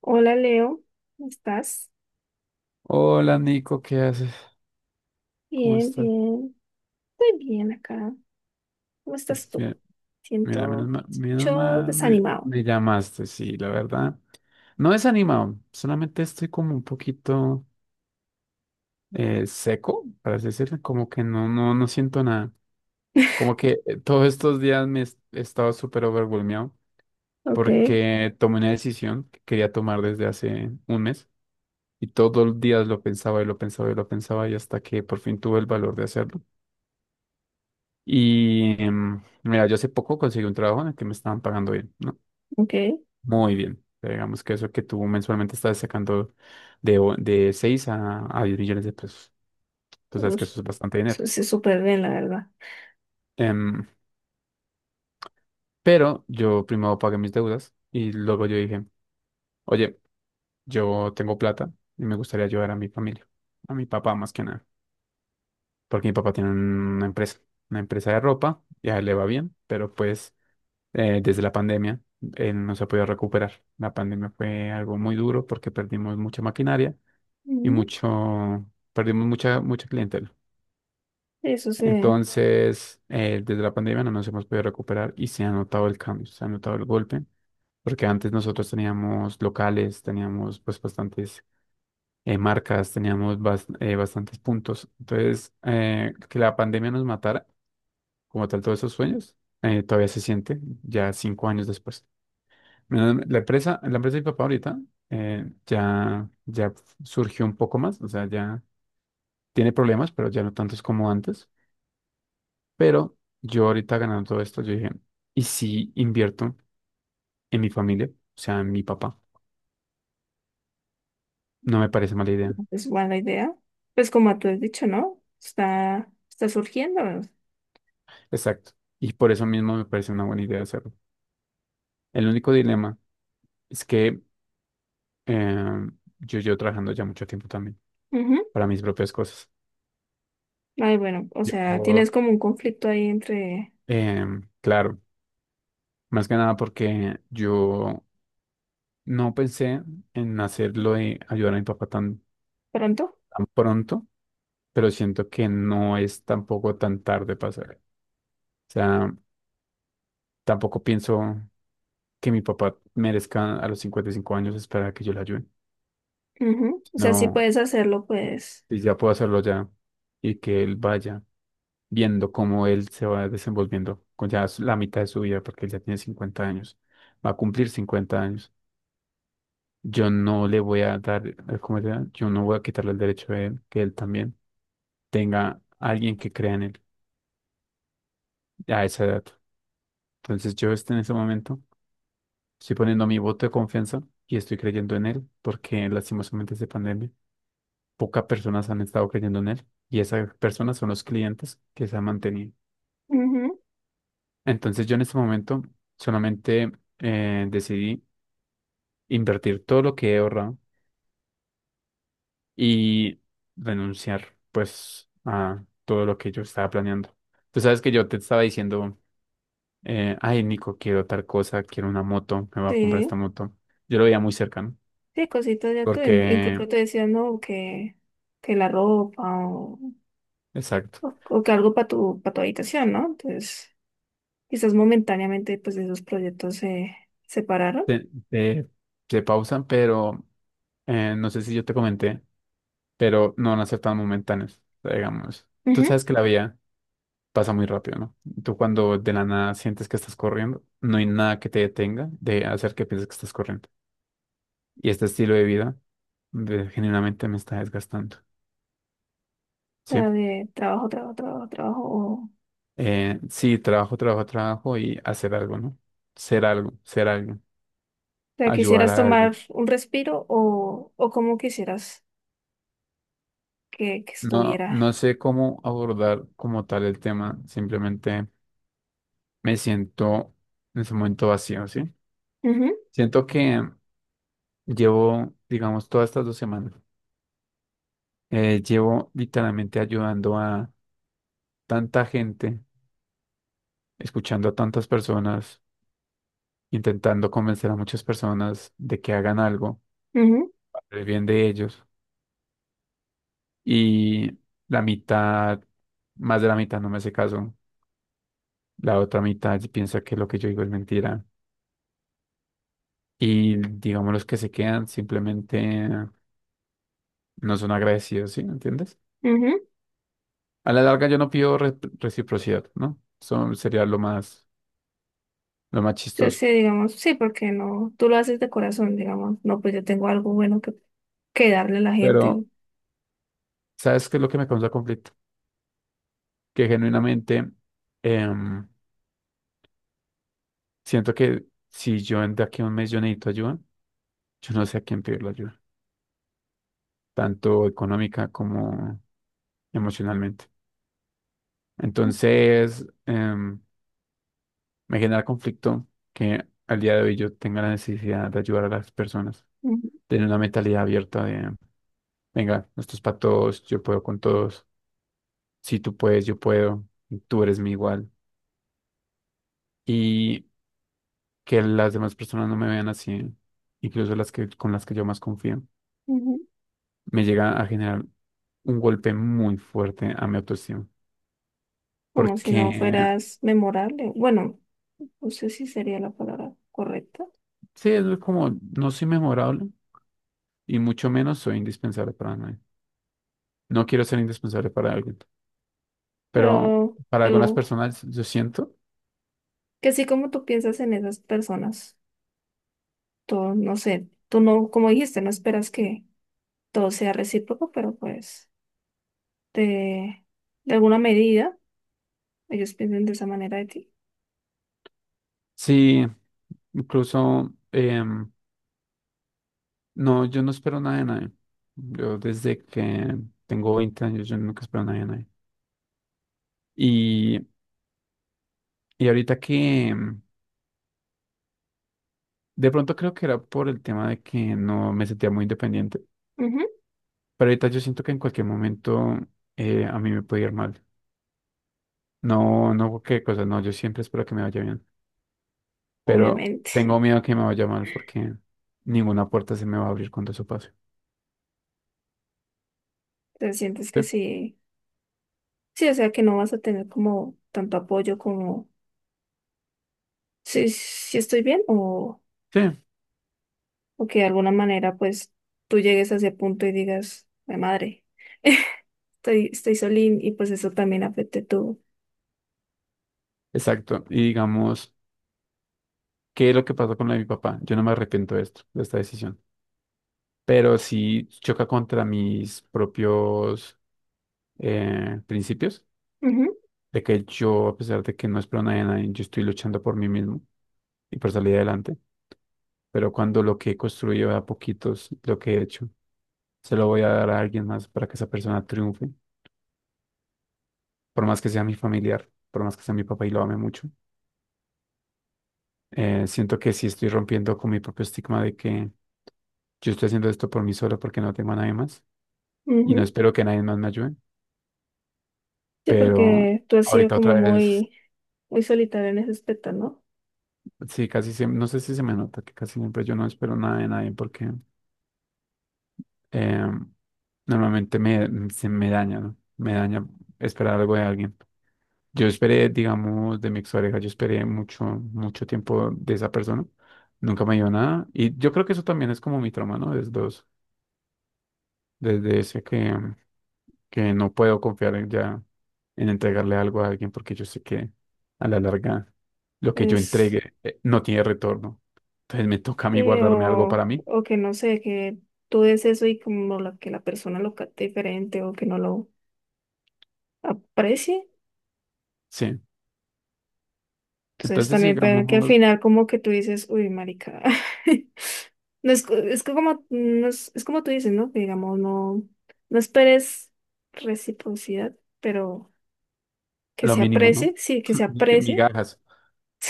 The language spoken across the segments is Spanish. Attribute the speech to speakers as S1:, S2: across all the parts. S1: Hola Leo, ¿cómo estás?
S2: Hola Nico, ¿qué haces? ¿Cómo
S1: Bien,
S2: estás?
S1: bien, estoy bien acá. ¿Cómo estás tú?
S2: Bien, mira,
S1: Siento,
S2: menos
S1: escucho
S2: mal me,
S1: desanimado.
S2: me llamaste, sí, la verdad. No desanimado, solamente estoy como un poquito seco, para así decirlo, como que no siento nada. Como que todos estos días me he estado súper overwhelmeado
S1: Ok,
S2: porque tomé una decisión que quería tomar desde hace un mes y todos los días lo pensaba y lo pensaba y lo pensaba y hasta que por fin tuve el valor de hacerlo. Y mira, yo hace poco conseguí un trabajo en el que me estaban pagando bien, ¿no?
S1: ok.
S2: Muy bien. O sea, digamos que eso que tú mensualmente estás sacando de 6 a 10 millones de pesos. Tú sabes que
S1: Ush,
S2: eso es bastante dinero.
S1: eso sí, súper bien, la verdad.
S2: Em, pero yo primero pagué mis deudas y luego yo dije, oye, yo tengo plata y me gustaría ayudar a mi familia, a mi papá más que nada, porque mi papá tiene una empresa de ropa y a él le va bien, pero pues desde la pandemia. No se ha podido recuperar. La pandemia fue algo muy duro porque perdimos mucha maquinaria y
S1: Ujú,
S2: mucho, perdimos mucha, mucha clientela.
S1: eso sí,
S2: Entonces, desde la pandemia no nos hemos podido recuperar y se ha notado el cambio, se ha notado el golpe, porque antes nosotros teníamos locales, teníamos pues bastantes marcas, teníamos bastantes puntos. Entonces, que la pandemia nos matara, como tal, todos esos sueños, todavía se siente ya 5 años después. Bueno, la empresa de mi papá ahorita ya surgió un poco más, o sea, ya tiene problemas, pero ya no tantos como antes. Pero yo ahorita ganando todo esto, yo dije, ¿y si invierto en mi familia? O sea, en mi papá. No me parece mala idea.
S1: es buena idea. Pues como tú has dicho, ¿no? Está surgiendo.
S2: Exacto. Y por eso mismo me parece una buena idea hacerlo. El único dilema es que eh, yo llevo trabajando ya mucho tiempo también
S1: Ujú.
S2: para mis propias cosas.
S1: Ay, bueno, o sea, tienes
S2: Yo,
S1: como un conflicto ahí entre
S2: claro, más que nada porque yo no pensé en hacerlo de ayudar a mi papá tan,
S1: pronto.
S2: tan pronto, pero siento que no es tampoco tan tarde para hacerlo. O sea, tampoco pienso que mi papá merezca a los 55 años esperar a que yo le ayude.
S1: Ujú. O sea, sí
S2: No,
S1: puedes hacerlo, pues.
S2: si ya puedo hacerlo ya y que él vaya viendo cómo él se va desenvolviendo con ya la mitad de su vida, porque él ya tiene 50 años, va a cumplir 50 años. Yo no le voy a dar, ¿cómo se llama? Yo no voy a quitarle el derecho a él, que él también tenga alguien que crea en él a esa edad. Entonces yo este, en ese momento estoy poniendo mi voto de confianza y estoy creyendo en él porque lastimosamente esta pandemia, pocas personas han estado creyendo en él y esas personas son los clientes que se han mantenido.
S1: Ujú.
S2: Entonces yo en este momento solamente decidí invertir todo lo que he ahorrado y renunciar pues a todo lo que yo estaba planeando. Tú sabes que yo te estaba diciendo ay, Nico, quiero tal cosa, quiero una moto, me voy a comprar
S1: Sí.
S2: esta moto. Yo lo veía muy cercano,
S1: Sí, cositas de tú.
S2: porque,
S1: Incluso te decía, no, que la ropa o,
S2: exacto,
S1: o- o que algo para para tu habitación, ¿no? Entonces, quizás momentáneamente, pues esos proyectos se separaron.
S2: te, te- te pausan, pero no sé si yo te comenté, pero no van a ser tan momentáneos, o sea, digamos. Tú
S1: Ujú.
S2: sabes que la vida pasa muy rápido, ¿no? Tú cuando de la nada sientes que estás corriendo, no hay nada que te detenga de hacer que pienses que estás corriendo. Y este estilo de vida, genuinamente me está desgastando,
S1: O
S2: ¿sí?
S1: sea, de trabajo, trabajo, trabajo, trabajo. O
S2: Sí, trabajo, trabajo, trabajo y hacer algo, ¿no? Ser algo,
S1: sea,
S2: ayudar
S1: quisieras
S2: a alguien.
S1: tomar un respiro o cómo quisieras que
S2: No,
S1: estuviera.
S2: no sé cómo abordar como tal el tema, simplemente me siento en ese momento vacío, ¿sí?
S1: Ujú,
S2: Siento que llevo, digamos, todas estas 2 semanas, llevo literalmente ayudando a tanta gente, escuchando a tantas personas, intentando convencer a muchas personas de que hagan algo, para el bien de ellos. Y la mitad, más de la mitad no me hace caso. La otra mitad piensa que lo que yo digo es mentira. Y digamos, los que se quedan simplemente no son agradecidos, ¿sí? ¿Me entiendes?
S1: ujú.
S2: A la larga yo no pido reciprocidad, ¿no? Eso sería lo más
S1: Entonces,
S2: chistoso.
S1: sí, digamos, sí, porque no, tú lo haces de corazón, digamos, no, pues yo tengo algo bueno que darle a la gente.
S2: Pero, ¿sabes qué es lo que me causa conflicto? Que genuinamente em, siento que si yo de aquí a un mes yo necesito ayuda, yo no sé a quién pedir la ayuda, tanto económica como emocionalmente. Entonces, me genera conflicto que al día de hoy yo tenga la necesidad de ayudar a las personas,
S1: Ujú,
S2: tener una mentalidad abierta de, venga, esto es para todos, yo puedo con todos, si tú puedes, yo puedo, tú eres mi igual. Y que las demás personas no me vean así, incluso con las que yo más confío,
S1: ujú.
S2: me llega a generar un golpe muy fuerte a mi autoestima,
S1: Como si no
S2: porque
S1: fueras memorable. Bueno, no sé si sería la palabra correcta,
S2: sí, es como no soy memorable y mucho menos soy indispensable para nadie. No quiero ser indispensable para alguien, pero
S1: pero
S2: para algunas
S1: algo
S2: personas yo siento.
S1: que sí, como tú piensas en esas personas, tú no sé, tú no, como dijiste, no esperas que todo sea recíproco, pero pues de, de alguna medida ellos piensan de esa manera de ti.
S2: Sí, incluso, no, yo no espero nada de nadie. Yo desde que tengo 20 años, yo nunca espero nada de nadie. Y, y ahorita que, de pronto creo que era por el tema de que no me sentía muy independiente,
S1: Ujú,
S2: pero ahorita yo siento que en cualquier momento a mí me puede ir mal. No, no, qué cosa, no, yo siempre espero que me vaya bien. Pero
S1: obviamente.
S2: tengo miedo que me vaya mal porque ninguna puerta se me va a abrir cuando eso pase.
S1: Te sientes que
S2: Sí,
S1: sí, sí, o sea que no vas a tener como tanto apoyo como si estoy bien o...
S2: sí,
S1: O que de alguna manera pues tú llegues a ese punto y digas, "Mi madre, estoy solín" y pues eso también afecte tu...
S2: exacto. Y digamos, ¿qué es lo que pasó con lo de mi papá? Yo no me arrepiento de esto, de esta decisión, pero sí choca contra mis propios principios,
S1: Ujú,
S2: de que yo, a pesar de que no espero nada de nadie, yo estoy luchando por mí mismo y por salir adelante. Pero cuando lo que he construido de a poquitos, lo que he hecho, se lo voy a dar a alguien más para que esa persona triunfe. Por más que sea mi familiar, por más que sea mi papá y lo ame mucho, siento que sí estoy rompiendo con mi propio estigma de que yo estoy haciendo esto por mí solo porque no tengo a nadie más y no
S1: ujú.
S2: espero que nadie más me ayude,
S1: Sí,
S2: pero
S1: porque tú has sido
S2: ahorita
S1: como
S2: otra vez,
S1: muy solitario en ese aspecto, ¿no?
S2: sí, casi siempre, no sé si se me nota que casi siempre yo no espero nada de nadie porque eh, normalmente se me daña, ¿no? Me daña esperar algo de alguien. Yo esperé, digamos, de mi expareja, yo esperé mucho, mucho tiempo de esa persona. Nunca me dio nada. Y yo creo que eso también es como mi trauma, ¿no? Desde ese que no puedo confiar en en entregarle algo a alguien porque yo sé que a la larga lo que yo
S1: Es,
S2: entregue no tiene retorno. Entonces me toca a mí guardarme algo para mí.
S1: o que no sé, que tú des eso y como la, que la persona lo capte diferente o que no lo aprecie.
S2: Sí.
S1: Entonces
S2: Entonces, sí,
S1: también puede que al
S2: digamos,
S1: final como que tú dices, uy, marica. No es, co- es que como no es, es como tú dices, ¿no? Que digamos, no, no esperes reciprocidad, pero que
S2: lo
S1: se
S2: mínimo, ¿no?
S1: aprecie, sí, que se aprecie.
S2: Migajas.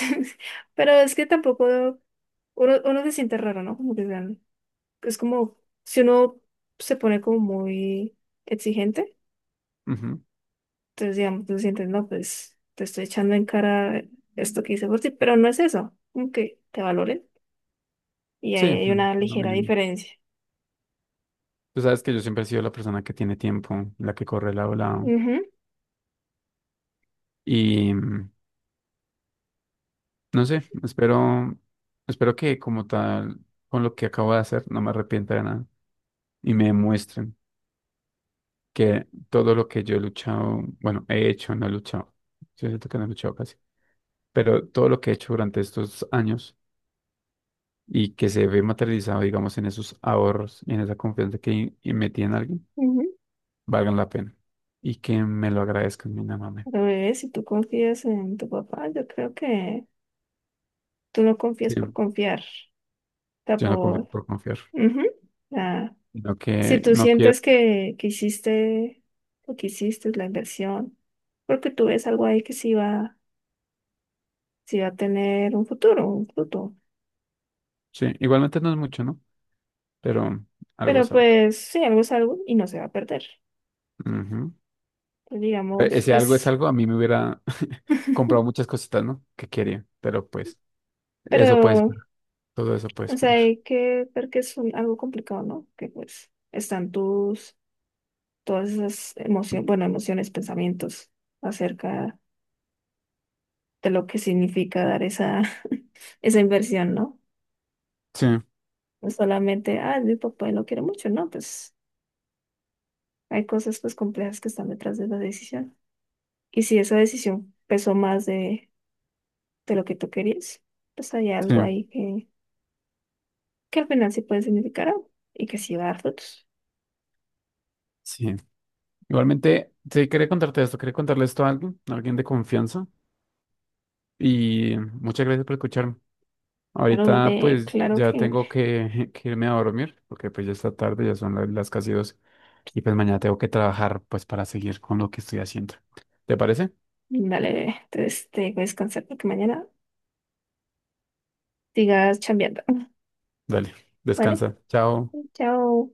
S1: Pero es que tampoco uno se siente raro, ¿no? Como que sean- es como si uno se pone como muy exigente,
S2: Ujú.
S1: entonces digamos, tú sientes, no, pues te estoy echando en cara esto que hice por ti, pero no es eso, como que te valoren. Y
S2: Sí,
S1: ahí hay una
S2: no me
S1: ligera
S2: nego.
S1: diferencia.
S2: Tú sabes que yo siempre he sido la persona que tiene tiempo, la que corre lado a lado.
S1: Ujú,
S2: Y no sé, espero que como tal, con lo que acabo de hacer, no me arrepienta de nada y me demuestren que todo lo que yo he luchado, bueno, he hecho, no he luchado. Yo siento que no he luchado casi, pero todo lo que he hecho durante estos años y que se ve materializado, digamos, en esos ahorros y en esa confianza que metí en alguien
S1: ujú.
S2: valgan la pena y que me lo agradezcan mínimamente.
S1: Pero bebé, si tú confías en tu papá, yo creo que tú no confías
S2: Sí,
S1: por confiar. O sea,
S2: yo no confío
S1: por...
S2: por confiar,
S1: Ujú. Ah,
S2: sino
S1: si
S2: que
S1: tú
S2: no quiero.
S1: sientes que hiciste lo que hiciste, la inversión, porque tú ves algo ahí que sí va a tener un futuro, un fruto.
S2: Sí, igualmente no es mucho, ¿no? Pero algo
S1: Pero
S2: es algo.
S1: pues sí, algo es algo y no se va a perder.
S2: Ujú.
S1: Pues, digamos,
S2: Ese algo es
S1: es...
S2: algo, a mí me hubiera comprado muchas cositas, ¿no? Que quería, pero pues
S1: Pero,
S2: eso puede ser, todo eso puede
S1: o sea,
S2: esperar.
S1: hay que ver que es un- algo complicado, ¿no? Que pues están tus todas esas emociones, bueno, emociones, pensamientos acerca de lo que significa dar esa, esa inversión, ¿no?
S2: Sí,
S1: No solamente, ah, mi papá lo quiere mucho, no, pues hay cosas pues complejas que están detrás de la decisión. Y si esa decisión pesó más de lo que tú querías, pues hay
S2: sí,
S1: algo ahí que al final sí puede significar algo y que sí va a dar frutos.
S2: sí. Igualmente, sí, quería contarte esto, quería contarle esto a alguien de confianza y muchas gracias por escucharme.
S1: Claro,
S2: Ahorita
S1: bebé,
S2: pues
S1: claro
S2: ya
S1: que,
S2: tengo que, que irme a dormir porque pues ya está tarde, ya son las casi dos y pues mañana tengo que trabajar pues para seguir con lo que estoy haciendo. ¿Te parece?
S1: dale, bebé, entonces te voy a descansar porque mañana sigas chambeando,
S2: Dale,
S1: ¿vale?
S2: descansa. Chao.
S1: Chao.